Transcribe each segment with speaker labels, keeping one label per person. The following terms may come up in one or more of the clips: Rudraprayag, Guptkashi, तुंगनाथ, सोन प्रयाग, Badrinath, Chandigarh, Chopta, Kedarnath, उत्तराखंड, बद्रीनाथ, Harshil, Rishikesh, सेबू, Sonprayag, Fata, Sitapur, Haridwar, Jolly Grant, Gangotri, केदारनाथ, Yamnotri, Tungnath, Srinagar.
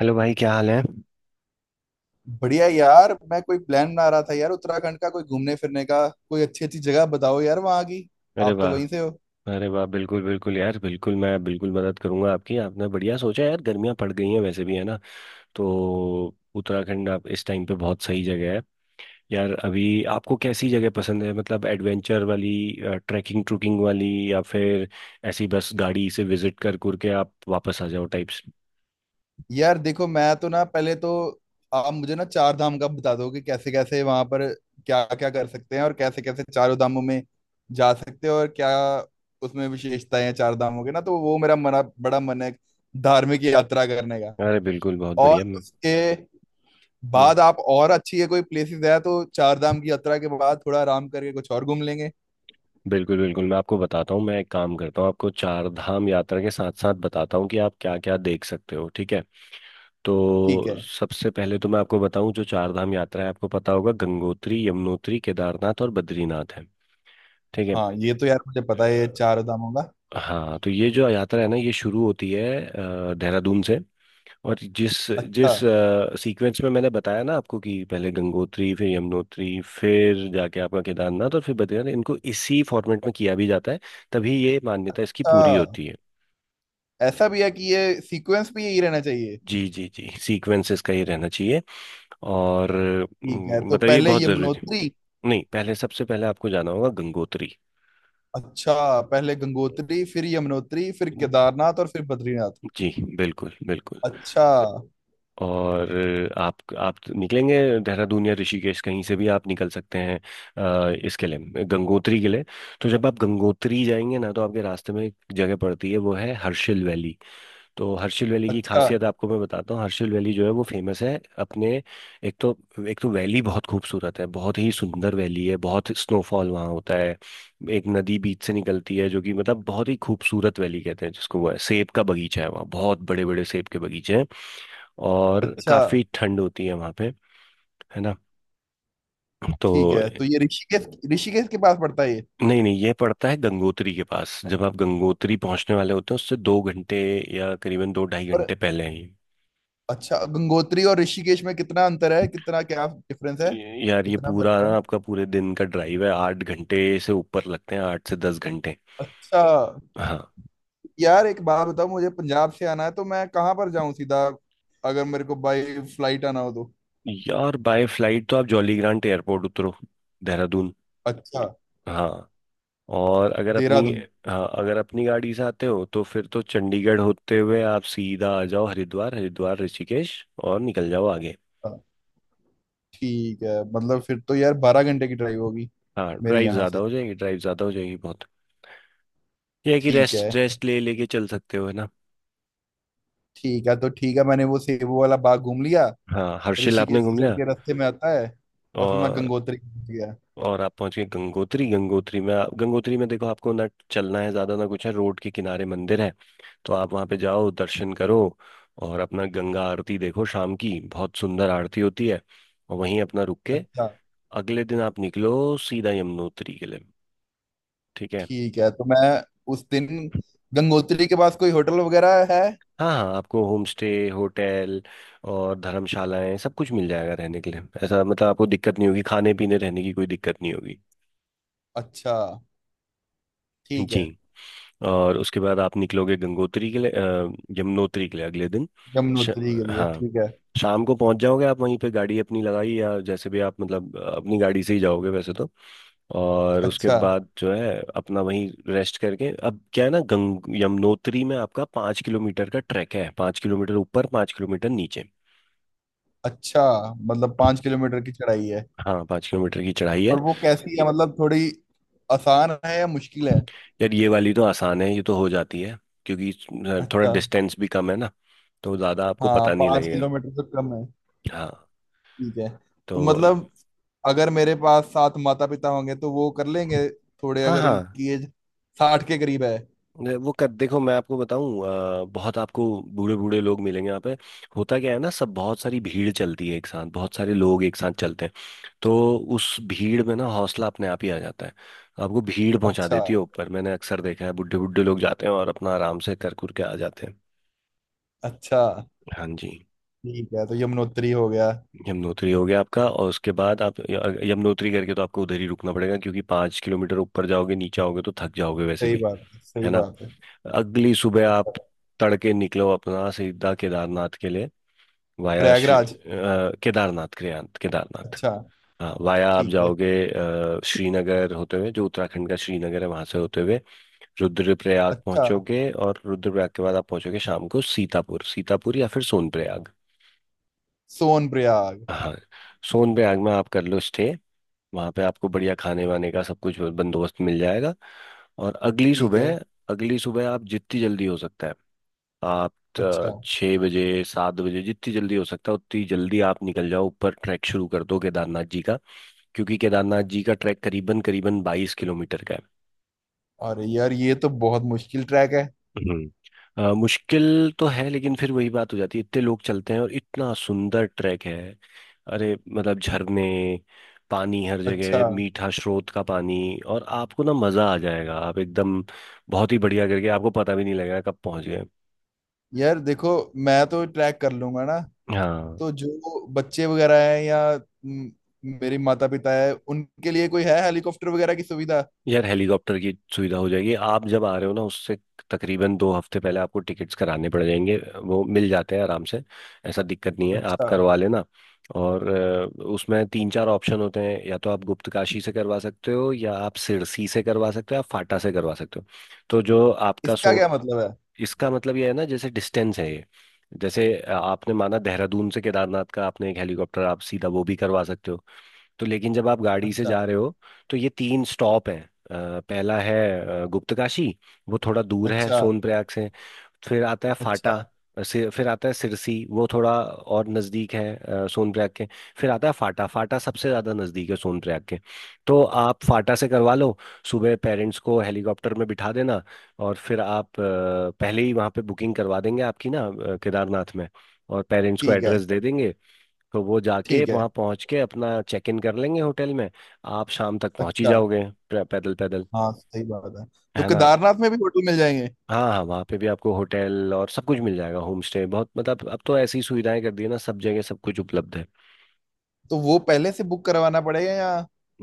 Speaker 1: Hello भाई, क्या हाल है।
Speaker 2: बढ़िया यार। मैं कोई प्लान बना रहा था यार, उत्तराखंड का कोई घूमने फिरने का कोई अच्छी अच्छी जगह बताओ यार वहाँ की।
Speaker 1: अरे
Speaker 2: आप तो
Speaker 1: वाह।
Speaker 2: वहीं से हो।
Speaker 1: अरे वाह, बिल्कुल बिल्कुल यार, बिल्कुल मैं बिल्कुल मदद करूंगा आपकी। आपने बढ़िया सोचा यार, गर्मियां पड़ गई हैं वैसे भी, है ना। तो उत्तराखंड आप इस टाइम पे बहुत सही जगह है यार अभी। आपको कैसी जगह पसंद है, मतलब एडवेंचर वाली, ट्रैकिंग ट्रुकिंग वाली, या फिर ऐसी बस गाड़ी से विजिट कर कर के आप वापस आ जाओ टाइप्स।
Speaker 2: यार देखो, मैं तो ना पहले तो आप मुझे ना चार धाम का बता दो कि कैसे कैसे वहां पर क्या क्या कर सकते हैं, और कैसे कैसे चारों धामों में जा सकते हैं, और क्या उसमें विशेषताएं हैं चार धामों के। ना तो वो मेरा मना बड़ा मन है धार्मिक यात्रा करने का।
Speaker 1: अरे बिल्कुल बहुत
Speaker 2: और
Speaker 1: बढ़िया। मैं
Speaker 2: उसके
Speaker 1: हम्म,
Speaker 2: बाद आप और अच्छी है कोई प्लेसेस है तो चार धाम की यात्रा के बाद थोड़ा आराम करके कुछ और घूम लेंगे।
Speaker 1: बिल्कुल बिल्कुल, मैं आपको बताता हूँ। मैं एक काम करता हूँ, आपको चार धाम यात्रा के साथ साथ बताता हूँ कि आप क्या क्या देख सकते हो, ठीक है।
Speaker 2: ठीक
Speaker 1: तो
Speaker 2: है।
Speaker 1: सबसे पहले तो मैं आपको बताऊं, जो चार धाम यात्रा है आपको पता होगा, गंगोत्री, यमुनोत्री, केदारनाथ और बद्रीनाथ है। ठीक है।
Speaker 2: हाँ ये तो यार मुझे पता है ये
Speaker 1: अ,
Speaker 2: चार दामों का।
Speaker 1: हाँ, तो ये जो यात्रा है ना, ये शुरू होती है देहरादून से। और जिस
Speaker 2: अच्छा।
Speaker 1: जिस सीक्वेंस में मैंने बताया ना आपको, कि पहले गंगोत्री, फिर यमुनोत्री, फिर जाके आपका केदारनाथ और फिर बद्रीनाथ, इनको इसी फॉर्मेट में किया भी जाता है। तभी ये मान्यता इसकी पूरी
Speaker 2: अच्छा,
Speaker 1: होती है।
Speaker 2: ऐसा भी है कि ये सीक्वेंस भी यही रहना चाहिए।
Speaker 1: जी जी जी, सीक्वेंस इसका ये रहना चाहिए। और
Speaker 2: ठीक है, तो
Speaker 1: मतलब ये
Speaker 2: पहले
Speaker 1: बहुत जरूरी है।
Speaker 2: यमुनोत्री।
Speaker 1: नहीं, पहले सबसे पहले आपको जाना होगा गंगोत्री।
Speaker 2: अच्छा, पहले गंगोत्री फिर यमुनोत्री फिर केदारनाथ और फिर बद्रीनाथ।
Speaker 1: जी, बिल्कुल बिल्कुल।
Speaker 2: अच्छा।
Speaker 1: और आप निकलेंगे देहरादून या ऋषिकेश, कहीं से भी आप निकल सकते हैं इसके लिए, गंगोत्री के लिए। तो जब आप गंगोत्री जाएंगे ना, तो आपके रास्ते में एक जगह पड़ती है, वो है हर्षिल वैली। तो हर्षिल वैली की
Speaker 2: अच्छा।
Speaker 1: खासियत आपको मैं बताता हूँ। हर्षिल वैली जो है, वो फेमस है अपने, एक तो एक तो वैली बहुत खूबसूरत है, बहुत ही सुंदर वैली है, बहुत स्नोफॉल वहाँ होता है। एक नदी बीच से निकलती है, जो कि मतलब बहुत ही खूबसूरत वैली कहते हैं जिसको। वो है सेब का बगीचा है, वहाँ बहुत बड़े बड़े सेब के बगीचे हैं। और
Speaker 2: अच्छा।
Speaker 1: काफी ठंड होती है वहाँ पे, है ना। तो
Speaker 2: ठीक है, तो ये ऋषिकेश, ऋषिकेश के पास पड़ता है ये?
Speaker 1: नहीं नहीं, ये पड़ता है गंगोत्री के पास, जब आप गंगोत्री पहुंचने वाले होते हैं उससे 2 घंटे या करीबन दो ढाई
Speaker 2: और
Speaker 1: घंटे पहले हैं ये।
Speaker 2: अच्छा, गंगोत्री और ऋषिकेश में कितना अंतर है, कितना क्या डिफरेंस है?
Speaker 1: यार ये
Speaker 2: कितना
Speaker 1: पूरा
Speaker 2: फर्क
Speaker 1: ना
Speaker 2: है?
Speaker 1: आपका पूरे दिन का ड्राइव है, 8 घंटे से ऊपर लगते हैं, 8 से 10 घंटे।
Speaker 2: अच्छा।
Speaker 1: हाँ,
Speaker 2: यार एक बात बताओ, मुझे पंजाब से आना है तो मैं कहाँ पर जाऊं सीधा, अगर मेरे को बाई फ्लाइट आना हो तो?
Speaker 1: यार बाय फ्लाइट तो आप जॉली ग्रांट एयरपोर्ट उतरो, देहरादून।
Speaker 2: अच्छा,
Speaker 1: हाँ। और अगर अपनी,
Speaker 2: देहरादून।
Speaker 1: हाँ अगर अपनी गाड़ी से आते हो तो फिर तो चंडीगढ़ होते हुए आप सीधा आ जाओ हरिद्वार, हरिद्वार ऋषिकेश, और निकल जाओ आगे।
Speaker 2: हाँ, ठीक है, मतलब फिर तो यार 12 घंटे की ड्राइव होगी
Speaker 1: हाँ,
Speaker 2: मेरे
Speaker 1: ड्राइव
Speaker 2: यहाँ
Speaker 1: ज़्यादा
Speaker 2: से।
Speaker 1: हो जाएगी, ड्राइव ज़्यादा हो जाएगी बहुत। यह है कि
Speaker 2: ठीक
Speaker 1: रेस्ट
Speaker 2: है।
Speaker 1: रेस्ट ले लेके चल सकते हो, है ना।
Speaker 2: ठीक है तो ठीक है, मैंने वो सेबू वाला बाग घूम लिया,
Speaker 1: हाँ, हर्षिल आपने
Speaker 2: ऋषिकेश से
Speaker 1: घूम
Speaker 2: चल
Speaker 1: लिया।
Speaker 2: के रास्ते में आता है, और फिर मैं
Speaker 1: और
Speaker 2: गंगोत्री पहुंच गया।
Speaker 1: और आप पहुंच गए गंगोत्री। गंगोत्री में गंगोत्री में देखो, आपको ना चलना है ज्यादा ना कुछ है, रोड के किनारे मंदिर है। तो आप वहां पे जाओ, दर्शन करो, और अपना गंगा आरती देखो शाम की, बहुत सुंदर आरती होती है। और वहीं अपना रुक के
Speaker 2: अच्छा।
Speaker 1: अगले दिन आप निकलो सीधा यमुनोत्री के लिए, ठीक है।
Speaker 2: ठीक है, तो मैं उस दिन गंगोत्री के पास कोई होटल वगैरह है?
Speaker 1: हाँ हाँ, आपको होम स्टे, होटल और धर्मशालाएं सब कुछ मिल जाएगा रहने के लिए। ऐसा मतलब आपको दिक्कत नहीं होगी, खाने पीने रहने की कोई दिक्कत नहीं होगी।
Speaker 2: अच्छा, ठीक
Speaker 1: जी।
Speaker 2: है।
Speaker 1: और उसके बाद आप निकलोगे गंगोत्री के लिए, यमुनोत्री के लिए अगले दिन। श,
Speaker 2: यमुनोत्री के लिए
Speaker 1: हाँ,
Speaker 2: ठीक है।
Speaker 1: शाम को पहुंच जाओगे आप। वहीं पे गाड़ी अपनी लगाई, या जैसे भी आप, मतलब अपनी गाड़ी से ही जाओगे वैसे तो। और उसके
Speaker 2: अच्छा।
Speaker 1: बाद जो है अपना वहीं रेस्ट करके, अब क्या है ना, गंग यमुनोत्री में आपका 5 किलोमीटर का ट्रैक है, 5 किलोमीटर ऊपर 5 किलोमीटर नीचे।
Speaker 2: अच्छा, मतलब 5 किलोमीटर की चढ़ाई है।
Speaker 1: हाँ, 5 किलोमीटर की चढ़ाई है।
Speaker 2: और वो कैसी है, मतलब थोड़ी आसान है या मुश्किल है?
Speaker 1: यार ये वाली तो आसान है, ये तो हो जाती है क्योंकि थोड़ा
Speaker 2: अच्छा।
Speaker 1: डिस्टेंस भी कम है ना, तो ज़्यादा आपको
Speaker 2: हाँ,
Speaker 1: पता नहीं
Speaker 2: पाँच
Speaker 1: लगेगा।
Speaker 2: किलोमीटर से कम है।
Speaker 1: हाँ।
Speaker 2: ठीक है,
Speaker 1: तो
Speaker 2: तो मतलब अगर मेरे पास सात माता पिता होंगे तो वो कर लेंगे? थोड़े
Speaker 1: हाँ
Speaker 2: अगर
Speaker 1: हाँ,
Speaker 2: उनकी एज 60 के करीब है।
Speaker 1: वो कर, देखो मैं आपको बताऊं, बहुत आपको बूढ़े बूढ़े लोग मिलेंगे यहाँ पे। होता क्या है ना, सब बहुत सारी भीड़ चलती है एक साथ, बहुत सारे लोग एक साथ चलते हैं। तो उस भीड़ में ना हौसला अपने आप ही आ जाता है। आपको भीड़ पहुंचा
Speaker 2: अच्छा।
Speaker 1: देती है ऊपर, मैंने अक्सर देखा है बुढ़े बुढ़े लोग जाते हैं और अपना आराम से कर कुर के आ जाते हैं।
Speaker 2: अच्छा।
Speaker 1: हाँ जी।
Speaker 2: ठीक है तो यमुनोत्री हो गया।
Speaker 1: यमुनोत्री हो गया आपका, और उसके बाद आप यमुनोत्री करके तो आपको उधर ही रुकना पड़ेगा, क्योंकि 5 किलोमीटर ऊपर जाओगे नीचे आओगे तो थक जाओगे वैसे
Speaker 2: सही
Speaker 1: भी,
Speaker 2: बात है,
Speaker 1: है
Speaker 2: सही
Speaker 1: ना।
Speaker 2: बात है।
Speaker 1: अगली सुबह
Speaker 2: ठीक
Speaker 1: आप
Speaker 2: है।
Speaker 1: तड़के निकलो अपना सीधा केदारनाथ के लिए, वाया श्री-
Speaker 2: प्रयागराज?
Speaker 1: अ, केदारनाथ केदारनाथ केदारनाथ
Speaker 2: अच्छा।
Speaker 1: हाँ, वाया आप
Speaker 2: ठीक है।
Speaker 1: जाओगे श्रीनगर होते हुए, जो उत्तराखंड का श्रीनगर है वहां से होते हुए रुद्रप्रयाग
Speaker 2: अच्छा,
Speaker 1: पहुंचोगे। और रुद्रप्रयाग के बाद आप पहुंचोगे शाम को सीतापुर, सीतापुर या फिर सोनप्रयाग।
Speaker 2: सोन प्रयाग।
Speaker 1: हाँ, सोनप्रयाग में आप कर लो स्टे। वहाँ पे आपको बढ़िया खाने वाने का सब कुछ बंदोबस्त मिल जाएगा। और अगली
Speaker 2: ठीक है।
Speaker 1: सुबह, अगली सुबह आप जितनी जल्दी हो सकता है आप
Speaker 2: अच्छा।
Speaker 1: 6 बजे, 7 बजे, जितनी जल्दी हो सकता है उतनी जल्दी आप निकल जाओ ऊपर, ट्रैक शुरू कर दो केदारनाथ जी का। क्योंकि केदारनाथ जी का ट्रैक करीबन करीबन 22 किलोमीटर का है।
Speaker 2: और यार ये तो बहुत मुश्किल ट्रैक है।
Speaker 1: मुश्किल तो है, लेकिन फिर वही बात हो जाती है, इतने लोग चलते हैं और इतना सुंदर ट्रैक है। अरे मतलब झरने, पानी, हर
Speaker 2: अच्छा।
Speaker 1: जगह मीठा स्रोत का पानी। और आपको ना मज़ा आ जाएगा, आप एकदम बहुत ही बढ़िया करके, आपको पता भी नहीं लगेगा कब पहुंच गए।
Speaker 2: यार देखो, मैं तो ट्रैक कर लूंगा ना,
Speaker 1: हाँ,
Speaker 2: तो जो बच्चे वगैरह हैं या म, मेरे माता पिता है, उनके लिए कोई है हेलीकॉप्टर वगैरह की सुविधा?
Speaker 1: यार हेलीकॉप्टर की सुविधा हो जाएगी। आप जब आ रहे हो ना, उससे तकरीबन 2 हफ्ते पहले आपको टिकट्स कराने पड़ जाएंगे, वो मिल जाते हैं आराम से। ऐसा दिक्कत नहीं है, आप
Speaker 2: अच्छा,
Speaker 1: करवा लेना। और उसमें तीन चार ऑप्शन होते हैं, या तो आप गुप्तकाशी से करवा सकते हो, या आप सिरसी से करवा सकते हो, आप फाटा से करवा सकते हो। तो जो आपका
Speaker 2: इसका
Speaker 1: सो,
Speaker 2: क्या मतलब है?
Speaker 1: इसका मतलब ये है ना, जैसे डिस्टेंस है ये। जैसे आपने माना देहरादून से केदारनाथ का, आपने एक हेलीकॉप्टर आप सीधा वो भी करवा सकते हो। तो लेकिन जब आप गाड़ी से
Speaker 2: अच्छा।
Speaker 1: जा रहे हो, तो ये तीन स्टॉप हैं। पहला है गुप्तकाशी, वो थोड़ा दूर है
Speaker 2: अच्छा।
Speaker 1: सोनप्रयाग से। फिर आता है फाटा,
Speaker 2: अच्छा।
Speaker 1: फिर आता है सिरसी, वो थोड़ा और नज़दीक है सोनप्रयाग के। फिर आता है फाटा, फाटा सबसे ज़्यादा नज़दीक है सोनप्रयाग के। तो आप फाटा से करवा लो। सुबह पेरेंट्स को हेलीकॉप्टर में बिठा देना, और फिर आप पहले ही वहाँ पे बुकिंग करवा देंगे आपकी ना केदारनाथ में, और पेरेंट्स को
Speaker 2: ठीक है।
Speaker 1: एड्रेस दे देंगे। तो वो जाके
Speaker 2: ठीक है।
Speaker 1: वहाँ पहुँच के अपना चेक इन कर लेंगे होटल में। आप शाम तक पहुँच ही
Speaker 2: अच्छा।
Speaker 1: जाओगे, पैदल पैदल,
Speaker 2: हाँ सही बात है। तो
Speaker 1: है ना।
Speaker 2: केदारनाथ में भी होटल मिल जाएंगे?
Speaker 1: हाँ हाँ, वहाँ पे भी आपको होटल और सब कुछ मिल जाएगा, होम स्टे। बहुत, मतलब अब तो ऐसी सुविधाएं कर दी है ना, सब जगह सब कुछ उपलब्ध है।
Speaker 2: तो वो पहले से बुक करवाना पड़ेगा या?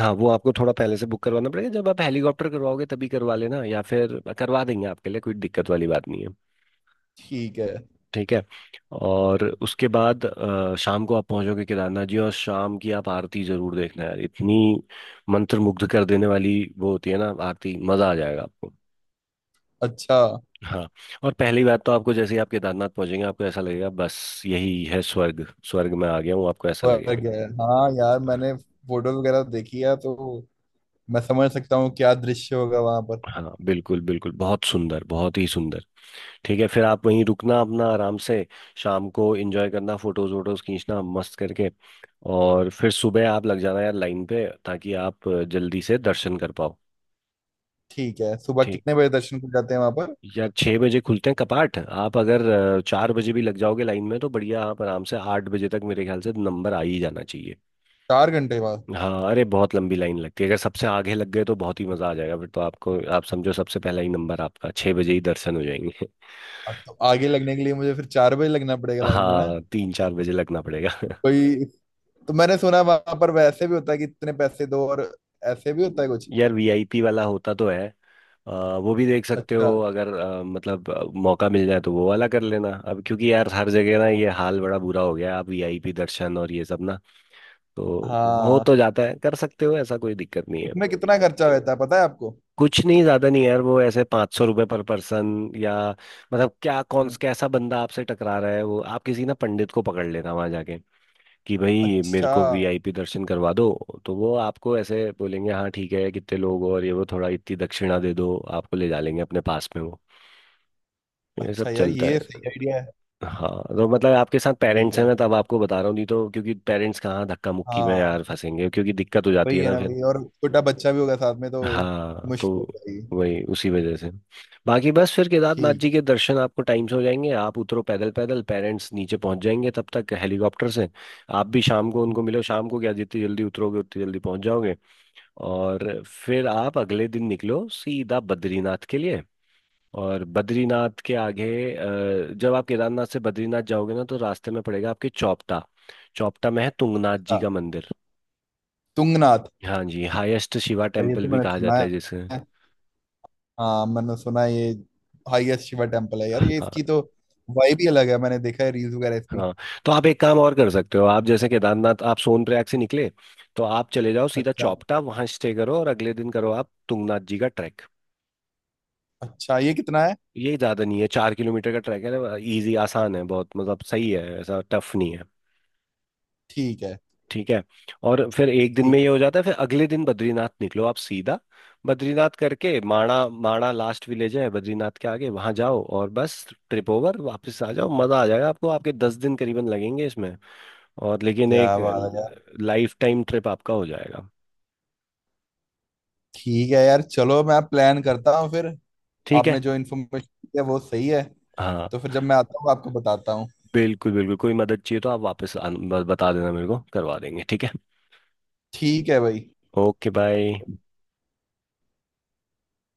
Speaker 1: हाँ, वो आपको थोड़ा पहले से बुक करवाना पड़ेगा, जब आप हेलीकॉप्टर करवाओगे तभी करवा लेना, या फिर करवा देंगे आपके लिए, कोई दिक्कत वाली बात नहीं है।
Speaker 2: ठीक है।
Speaker 1: ठीक है। और उसके बाद शाम को आप पहुंचोगे केदारनाथ जी, और शाम की आप आरती जरूर देखना यार, इतनी मंत्रमुग्ध कर देने वाली वो होती है ना आरती, मजा आ जाएगा आपको।
Speaker 2: अच्छा,
Speaker 1: हाँ। और पहली बात तो, आपको जैसे ही आप केदारनाथ पहुंचेंगे, आपको ऐसा लगेगा बस यही है स्वर्ग। स्वर्ग में आ गया हूँ, आपको ऐसा
Speaker 2: वर्ग
Speaker 1: लगेगा।
Speaker 2: है हाँ। यार मैंने फोटो वगैरह देखी है तो मैं समझ सकता हूँ क्या दृश्य होगा वहां पर।
Speaker 1: हाँ बिल्कुल बिल्कुल, बहुत सुंदर, बहुत ही सुंदर। ठीक है, फिर आप वहीं रुकना अपना आराम से, शाम को एंजॉय करना, फोटोज वोटोज खींचना मस्त करके। और फिर सुबह आप लग जाना यार लाइन पे, ताकि आप जल्दी से दर्शन कर पाओ।
Speaker 2: ठीक है, सुबह
Speaker 1: ठीक।
Speaker 2: कितने बजे दर्शन को जाते हैं वहां पर?
Speaker 1: यार 6 बजे खुलते हैं कपाट, आप अगर 4 बजे भी लग जाओगे लाइन में तो बढ़िया, आप आराम से 8 बजे तक मेरे ख्याल से नंबर आ ही जाना चाहिए।
Speaker 2: 4 घंटे बाद?
Speaker 1: हाँ, अरे बहुत लंबी लाइन लगती है। अगर सबसे आगे लग गए तो बहुत ही मजा आ जाएगा, फिर तो आपको, आप समझो सबसे पहला ही नंबर आपका, 6 बजे ही दर्शन हो जाएंगे।
Speaker 2: अब तो आगे लगने के लिए मुझे फिर 4 बजे लगना पड़ेगा लाइन में ना।
Speaker 1: हाँ, 3 4 बजे लगना पड़ेगा।
Speaker 2: कोई, तो मैंने सुना वहां पर वैसे भी होता है कि इतने पैसे दो और ऐसे भी होता है कुछ?
Speaker 1: यार वीआईपी वाला होता तो है। अ, वो भी देख सकते
Speaker 2: अच्छा।
Speaker 1: हो, अगर मतलब मौका मिल जाए तो वो वाला कर लेना, अब क्योंकि यार हर जगह ना ये हाल बड़ा बुरा हो गया है, आप वीआईपी दर्शन और ये सब ना। तो हो
Speaker 2: हाँ।
Speaker 1: तो जाता है, कर सकते हो, ऐसा कोई दिक्कत नहीं है।
Speaker 2: इसमें कितना खर्चा होता है पता है आपको?
Speaker 1: कुछ नहीं ज्यादा नहीं है यार, वो ऐसे 500 रुपये पर पर्सन या, मतलब क्या कौन
Speaker 2: हम्म।
Speaker 1: कैसा बंदा आपसे टकरा रहा है। वो आप किसी ना पंडित को पकड़ लेना वहां जाके, कि भाई मेरे
Speaker 2: अच्छा।
Speaker 1: को वीआईपी दर्शन करवा दो। तो वो आपको ऐसे बोलेंगे, हाँ ठीक है कितने लोग हो और ये वो, थोड़ा इतनी दक्षिणा दे दो, आपको ले जा लेंगे अपने पास में वो। ये सब
Speaker 2: अच्छा यार
Speaker 1: चलता है।
Speaker 2: ये सही आइडिया है।
Speaker 1: हाँ, तो मतलब आपके साथ
Speaker 2: ठीक
Speaker 1: पेरेंट्स हैं
Speaker 2: है।
Speaker 1: मैं तब आपको बता रहा हूँ, नहीं तो क्योंकि पेरेंट्स कहाँ धक्का मुक्की में
Speaker 2: हाँ
Speaker 1: यार फंसेंगे, क्योंकि दिक्कत हो जाती
Speaker 2: वही
Speaker 1: है
Speaker 2: है
Speaker 1: ना
Speaker 2: ना,
Speaker 1: फिर।
Speaker 2: वही। और छोटा बच्चा भी होगा साथ में तो
Speaker 1: हाँ, तो
Speaker 2: मुश्किल हो जाएगी।
Speaker 1: वही उसी वजह से। बाकी बस फिर केदारनाथ
Speaker 2: ठीक।
Speaker 1: जी के दर्शन आपको टाइम से हो जाएंगे, आप उतरो पैदल पैदल, पेरेंट्स नीचे पहुंच जाएंगे तब तक हेलीकॉप्टर से। आप भी शाम को उनको मिलो, शाम को क्या जितनी जल्दी उतरोगे उतनी जल्दी पहुंच जाओगे। और फिर आप अगले दिन निकलो सीधा बद्रीनाथ के लिए। और बद्रीनाथ के आगे, जब आप केदारनाथ से बद्रीनाथ जाओगे ना, तो रास्ते में पड़ेगा आपके चौपटा। चौपटा में है तुंगनाथ जी का
Speaker 2: हाँ,
Speaker 1: मंदिर।
Speaker 2: तुंगनाथ।
Speaker 1: हाँ जी, हाईएस्ट शिवा
Speaker 2: यार ये
Speaker 1: टेम्पल
Speaker 2: तो
Speaker 1: भी
Speaker 2: मैंने
Speaker 1: कहा
Speaker 2: सुना
Speaker 1: जाता है जिसे।
Speaker 2: है। हाँ मैंने सुना है ये। हाईएस्ट शिवा टेम्पल है यार ये,
Speaker 1: हाँ।
Speaker 2: इसकी तो वाइब ही अलग है। मैंने देखा है रील्स वगैरह इस पे।
Speaker 1: हाँ तो आप एक काम और कर सकते हो, आप जैसे केदारनाथ, आप सोनप्रयाग से निकले तो आप चले जाओ सीधा
Speaker 2: अच्छा।
Speaker 1: चौपटा, वहां स्टे करो और अगले दिन करो आप तुंगनाथ जी का ट्रैक।
Speaker 2: अच्छा ये कितना है?
Speaker 1: ये ज्यादा नहीं है, 4 किलोमीटर का ट्रैक है ना, इजी आसान है बहुत, मतलब सही है, ऐसा टफ नहीं है।
Speaker 2: ठीक है।
Speaker 1: ठीक है। और फिर एक दिन में
Speaker 2: ठीक
Speaker 1: ये
Speaker 2: है।
Speaker 1: हो जाता है, फिर अगले दिन बद्रीनाथ निकलो आप सीधा। बद्रीनाथ करके माणा, माणा लास्ट विलेज है बद्रीनाथ के आगे, वहां जाओ और बस ट्रिप ओवर, वापस आ जाओ। मजा आ जाएगा आपको, आपके 10 दिन करीबन लगेंगे इसमें। और लेकिन एक
Speaker 2: क्या बात है यार।
Speaker 1: लाइफ टाइम ट्रिप आपका हो जाएगा।
Speaker 2: ठीक है यार, चलो मैं प्लान करता हूँ फिर।
Speaker 1: ठीक है।
Speaker 2: आपने जो इन्फॉर्मेशन दी है वो सही है,
Speaker 1: हाँ
Speaker 2: तो फिर जब मैं आता हूँ आपको बताता हूँ।
Speaker 1: बिल्कुल बिल्कुल, कोई मदद चाहिए तो आप वापस बता देना मेरे को, करवा देंगे, ठीक है।
Speaker 2: ठीक है भाई।
Speaker 1: Okay bye.